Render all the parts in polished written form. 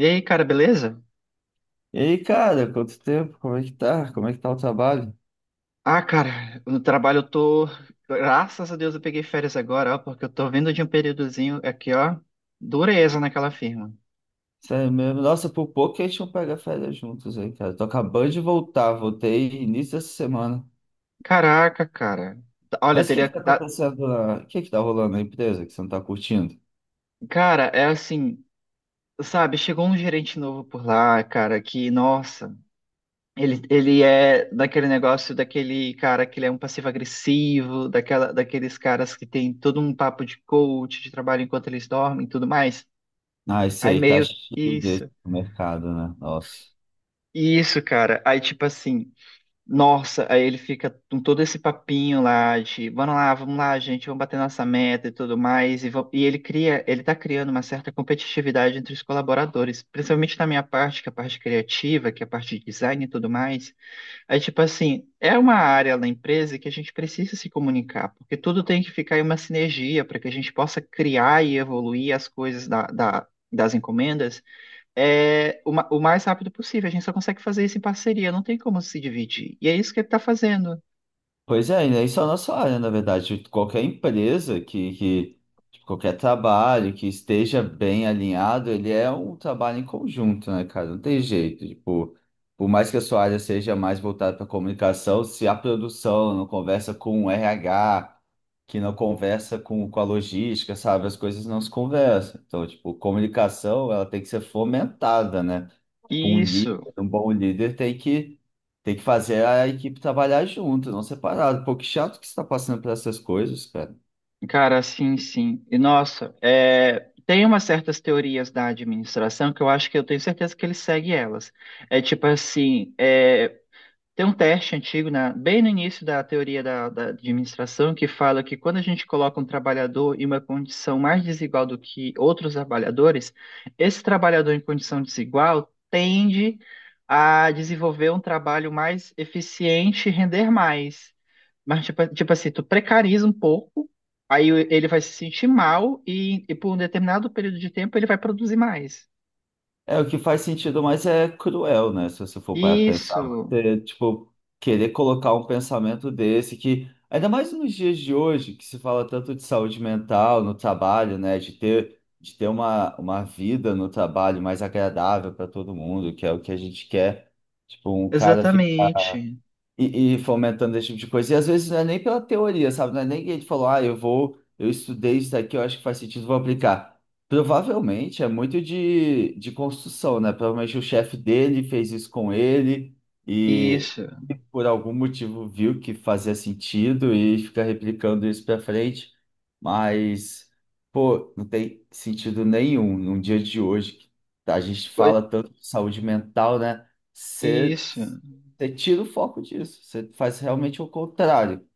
E aí, cara, beleza? E aí, cara, quanto tempo? Como é que tá? Como é que tá o trabalho? Ah, cara, no trabalho eu tô. Graças a Deus eu peguei férias agora, ó, porque eu tô vindo de um períodozinho aqui, ó. Dureza naquela firma. Sério mesmo. Nossa, por pouco que a gente não pega férias juntos aí, cara. Tô acabando de voltar, voltei início dessa semana. Caraca, cara. Olha, Mas o que que tá acontecendo lá? O que que tá rolando na empresa que você não tá curtindo? Cara, é assim, sabe? Chegou um gerente novo por lá, cara, que, nossa, ele é daquele negócio, daquele cara que ele é um passivo-agressivo, daquela, daqueles caras que tem todo um papo de coach, de trabalho enquanto eles dormem e tudo mais. Ah, esse Aí aí tá meio. Que cheio Isso. desse mercado, né? Nossa. Isso, cara. Aí, tipo assim, nossa, aí ele fica com todo esse papinho lá de vamos lá, gente, vamos bater nossa meta e tudo mais. E ele cria, ele tá criando uma certa competitividade entre os colaboradores, principalmente na minha parte, que é a parte criativa, que é a parte de design e tudo mais. Aí, tipo assim, é uma área na empresa que a gente precisa se comunicar, porque tudo tem que ficar em uma sinergia para que a gente possa criar e evoluir as coisas das encomendas o mais rápido possível. A gente só consegue fazer isso em parceria, não tem como se dividir. E é isso que ele tá fazendo. Pois é, e não é só na sua área, na verdade. Tipo, qualquer empresa que tipo, qualquer trabalho que esteja bem alinhado, ele é um trabalho em conjunto, né, cara? Não tem jeito. Tipo, por mais que a sua área seja mais voltada para comunicação, se a produção não conversa com o RH, que não conversa com a logística, sabe? As coisas não se conversam. Então, tipo, comunicação, ela tem que ser fomentada, né? Tipo, um líder, Isso, um bom líder tem que fazer a equipe trabalhar junto, não separado. Pô, que chato que você tá passando por essas coisas, cara. cara, sim, sim. E nossa, tem umas certas teorias da administração que eu acho que eu tenho certeza que ele segue elas. É tipo assim, tem um teste antigo, bem no início da teoria da administração, que fala que quando a gente coloca um trabalhador em uma condição mais desigual do que outros trabalhadores, esse trabalhador em condição desigual tende a desenvolver um trabalho mais eficiente e render mais. Mas, tipo, tipo assim, tu precariza um pouco, aí ele vai se sentir mal e por um determinado período de tempo ele vai produzir mais. É, o que faz sentido, mas é cruel, né? Se você for para pensar, Isso, você, tipo, querer colocar um pensamento desse que, ainda mais nos dias de hoje, que se fala tanto de saúde mental no trabalho, né? De ter uma vida no trabalho mais agradável para todo mundo, que é o que a gente quer. Tipo, um cara fica. exatamente. E fomentando esse tipo de coisa. E às vezes não é nem pela teoria, sabe? Não é nem que ele falou, ah, eu vou, eu estudei isso daqui, eu acho que faz sentido, vou aplicar. Provavelmente é muito de construção, né? Provavelmente o chefe dele fez isso com ele e Isso. e por algum motivo viu que fazia sentido e fica replicando isso para frente. Mas, pô, não tem sentido nenhum num dia de hoje. Que a gente Foi- fala tanto de saúde mental, né? Você isso. você tira o foco disso. Você faz realmente o contrário.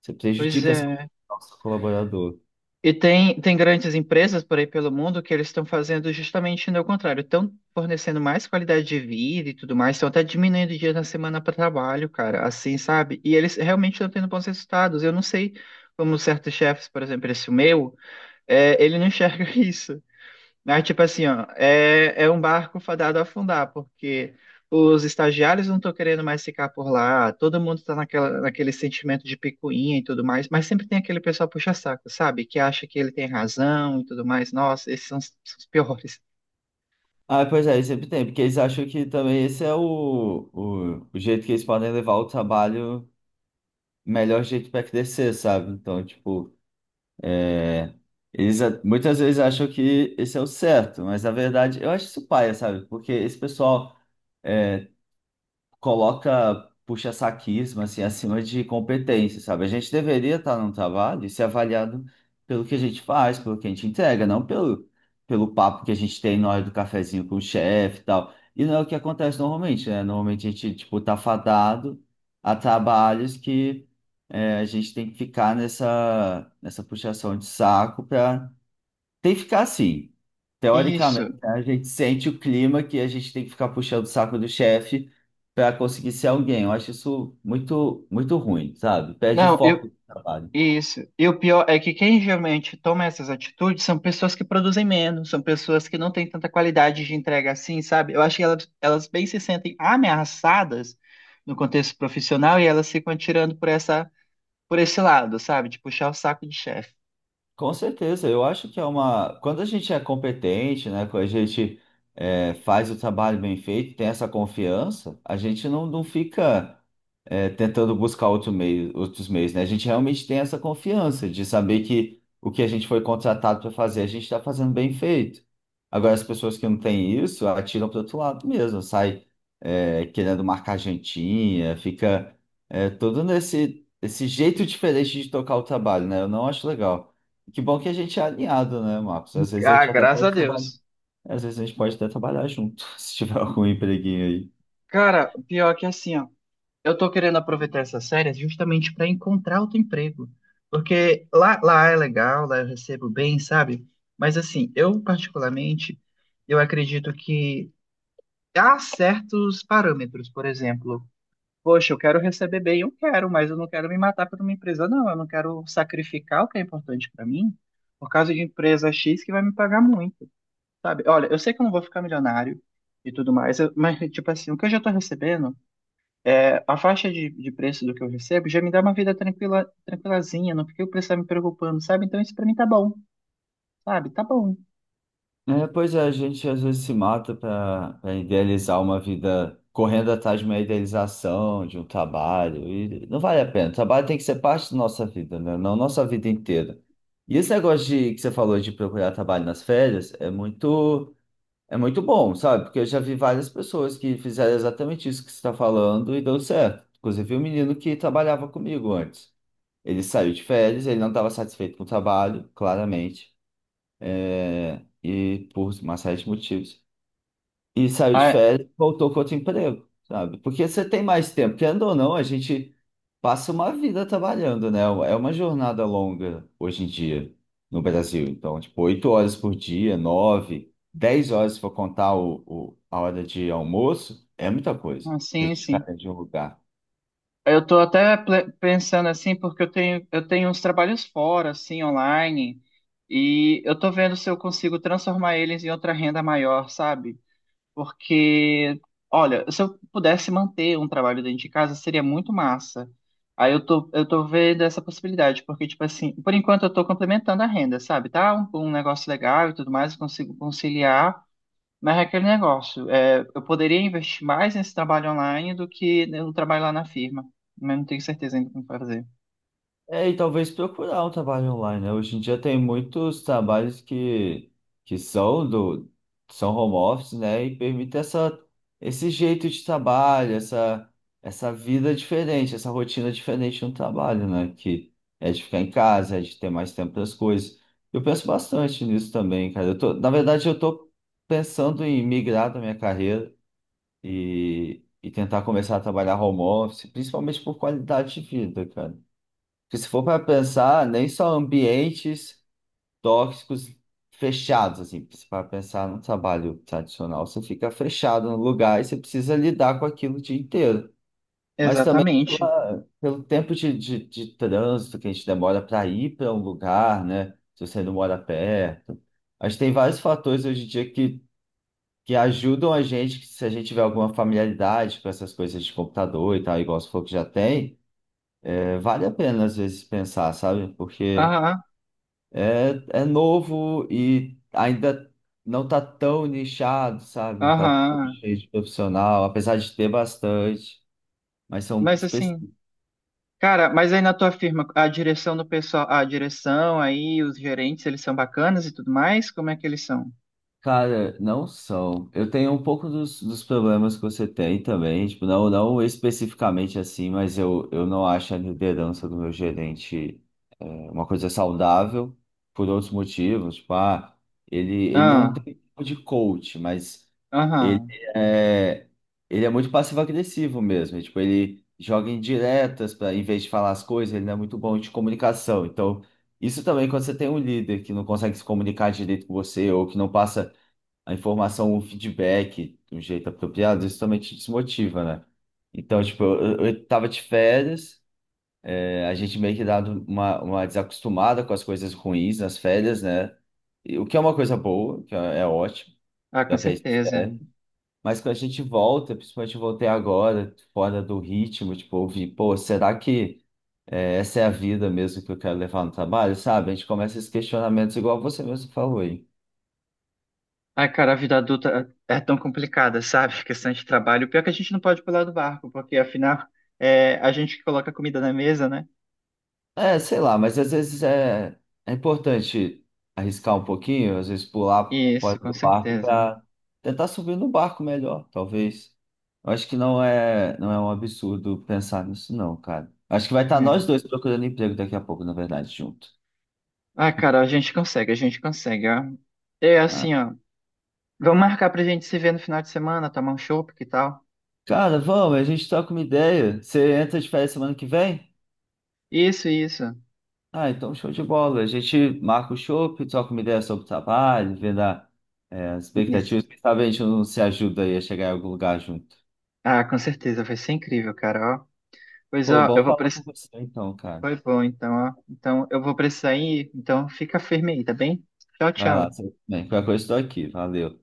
Você Pois prejudica essa- é. nosso colaborador. E tem, tem grandes empresas por aí pelo mundo que eles estão fazendo justamente o contrário. Estão fornecendo mais qualidade de vida e tudo mais, estão até diminuindo dias na semana para trabalho, cara, assim, sabe? E eles realmente estão tendo bons resultados. Eu não sei como certos chefes, por exemplo, esse meu, ele não enxerga isso. Mas, tipo assim, ó, é um barco fadado a afundar, porque os estagiários não estão querendo mais ficar por lá, todo mundo está naquela, naquele sentimento de picuinha e tudo mais, mas sempre tem aquele pessoal puxa-saco, sabe? Que acha que ele tem razão e tudo mais. Nossa, esses são os piores. Ah, pois é, sempre tem, porque eles acham que também esse é o jeito que eles podem levar o trabalho, o melhor jeito para crescer, sabe? Então, tipo, é, eles a- muitas vezes acham que esse é o certo, mas na verdade eu acho isso paia, sabe? Porque esse pessoal. é, coloca puxa-saquismo assim acima de competência, sabe? A gente deveria estar num trabalho e ser avaliado pelo que a gente faz, pelo que a gente entrega, não pelo, pelo papo que a gente tem na hora do cafezinho com o chefe e tal. E não é o que acontece normalmente, né? Normalmente a gente, tipo, tá fadado a trabalhos que a gente tem que ficar nessa, nessa puxação de saco para tem que ficar assim. Teoricamente, Isso. né, a gente sente o clima que a gente tem que ficar puxando o saco do chefe para conseguir ser alguém. Eu acho isso muito, muito ruim, sabe? Perde o Não, eu, foco do trabalho. Isso. E o pior é que quem geralmente toma essas atitudes são pessoas que produzem menos, são pessoas que não têm tanta qualidade de entrega assim, sabe? Eu acho que elas bem se sentem ameaçadas no contexto profissional e elas ficam atirando por essa, por esse lado, sabe? De puxar o saco de chefe. Com certeza, eu acho que é uma. Quando a gente é competente, né? Quando a gente faz o trabalho bem feito, tem essa confiança, a gente não, não fica tentando buscar outro meio, outros meios, né? A gente realmente tem essa confiança de saber que o que a gente foi contratado para fazer, a gente está fazendo bem feito. Agora, as pessoas que não têm isso, atiram para outro lado mesmo, sai querendo marcar jantinha, fica todo nesse esse jeito diferente de tocar o trabalho, né? Eu não acho legal. Que bom que a gente é alinhado, né, Marcos? Às vezes a Ah, gente até graças a pode trabalhar, Deus. às vezes a gente pode até trabalhar junto, se tiver algum empreguinho aí. Cara, o pior é que assim, ó. Eu tô querendo aproveitar essas férias justamente para encontrar outro emprego. Porque lá, lá é legal, lá eu recebo bem, sabe? Mas assim, eu particularmente, eu acredito que há certos parâmetros, por exemplo, poxa, eu quero receber bem, eu quero, mas eu não quero me matar por uma empresa, não. Eu não quero sacrificar o que é importante para mim por causa de empresa X que vai me pagar muito, sabe? Olha, eu sei que eu não vou ficar milionário e tudo mais, mas tipo assim, o que eu já tô recebendo a faixa de preço do que eu recebo já me dá uma vida tranquila, tranquilazinha, não fiquei precisando me preocupando, sabe? Então isso pra mim tá bom, sabe? Tá bom. É, pois é, a gente às vezes se mata para idealizar uma vida correndo atrás de uma idealização, de um trabalho, e não vale a pena. O trabalho tem que ser parte da nossa vida, né? Não nossa vida inteira. E esse negócio de, que você falou de procurar trabalho nas férias é muito. É muito bom, sabe? Porque eu já vi várias pessoas que fizeram exatamente isso que você está falando e deu certo. Inclusive, o menino que trabalhava comigo antes. Ele saiu de férias, ele não estava satisfeito com o trabalho, claramente, e por uma série de motivos e saiu de Ah, férias, voltou com outro emprego, sabe? Porque você tem mais tempo, querendo ou não, a gente passa uma vida trabalhando, né? É uma jornada longa hoje em dia no Brasil. Então, tipo, oito horas por dia, nove, dez horas se for contar o- a hora de almoço, é muita coisa ah, pra sim, gente ficar sim. dentro de um lugar. Eu tô até pensando assim, porque eu tenho uns trabalhos fora, assim, online, e eu tô vendo se eu consigo transformar eles em outra renda maior, sabe? Porque, olha, se eu pudesse manter um trabalho dentro de casa, seria muito massa. Aí eu tô vendo essa possibilidade, porque, tipo assim, por enquanto eu tô complementando a renda, sabe? Tá um, um negócio legal e tudo mais, eu consigo conciliar, mas é aquele negócio. É, eu poderia investir mais nesse trabalho online do que no trabalho lá na firma, mas não tenho certeza ainda como fazer. É, e talvez procurar um trabalho online, né? Hoje em dia tem muitos trabalhos que são do são home office, né? E permite essa, esse jeito de trabalho, essa vida diferente, essa rotina diferente no trabalho, né? Que é de ficar em casa, é de ter mais tempo para as coisas. Eu penso bastante nisso também, cara. Eu tô, na verdade, eu tô pensando em migrar da minha carreira e tentar começar a trabalhar home office, principalmente por qualidade de vida, cara. Porque se for para pensar, nem só ambientes tóxicos fechados, assim, se for para pensar no trabalho tradicional, você fica fechado no lugar e você precisa lidar com aquilo o dia inteiro. Mas também Exatamente. pela- pelo tempo de trânsito que a gente demora para ir para um lugar, né? Se você não mora perto. Acho que tem vários fatores hoje em dia que ajudam a gente, que se a gente tiver alguma familiaridade com essas coisas de computador e tal, igual você falou que já tem, vale a pena às vezes pensar, sabe? Porque. Aham, É, é novo e ainda não tá tão nichado, sabe? Não tá tão aham. cheio de profissional, apesar de ter bastante, mas são Mas assim. Cara, mas aí na tua firma, a direção do pessoal, a direção aí, os gerentes, eles são bacanas e tudo mais? Como é que eles são? Cara, não são. Eu tenho um pouco dos, dos problemas que você tem também, tipo, não, não especificamente assim, mas eu não acho a liderança do meu gerente é, uma coisa saudável por outros motivos. Tipo, ah, ele não Ah, tem tipo de coach, mas ele aham. é, ele é muito passivo-agressivo mesmo. E, tipo, ele joga indiretas para, em vez de falar as coisas, ele não é muito bom de comunicação. Então, isso também quando você tem um líder que não consegue se comunicar direito com você ou que não passa a informação, o feedback do jeito apropriado, isso também te desmotiva, né? Então, tipo, eu tava de férias, a gente meio que dado uma desacostumada com as coisas ruins nas férias, né? E o que é uma coisa boa, que é, é ótimo, Ah, com é pra isso que certeza. serve. Mas quando a gente volta, principalmente eu voltei agora, fora do ritmo, tipo, ouvir, pô, será que essa é a vida mesmo que eu quero levar no trabalho, sabe? A gente começa esses questionamentos igual você mesmo falou, Ai, cara, a vida adulta é tão complicada, sabe? Questão de trabalho. Pior que a gente não pode pular do barco, porque afinal é a gente que coloca a comida na mesa, né? É, sei lá, mas às vezes é importante arriscar um pouquinho, às vezes pular fora Isso, com do barco certeza. para tentar subir no barco melhor, talvez. Eu acho que não é um absurdo pensar nisso, não, cara. Acho que vai estar nós É. dois procurando emprego daqui a pouco, na verdade, junto. Ah, cara, a gente consegue, ó. É Ah, assim, ó. Vamos marcar pra gente se ver no final de semana, tomar um chopp, que tal? cara, vamos, a gente troca uma ideia. Você entra de férias semana que vem? Isso, isso. Ah, então show de bola. A gente marca o chopp, troca uma ideia sobre o trabalho, vendo a- as Isso. expectativas. Quem sabe a gente não se ajuda aí a chegar em algum lugar junto. Ah, com certeza, vai ser incrível, cara, ó. Pois Pô, ó, eu bom vou falar com precisar. você então, cara. Foi bom, então, ó. Então, eu vou precisar ir, então fica firme aí, tá bem? Tchau, Vai lá, tchau. você... bem, qualquer coisa estou aqui. Valeu.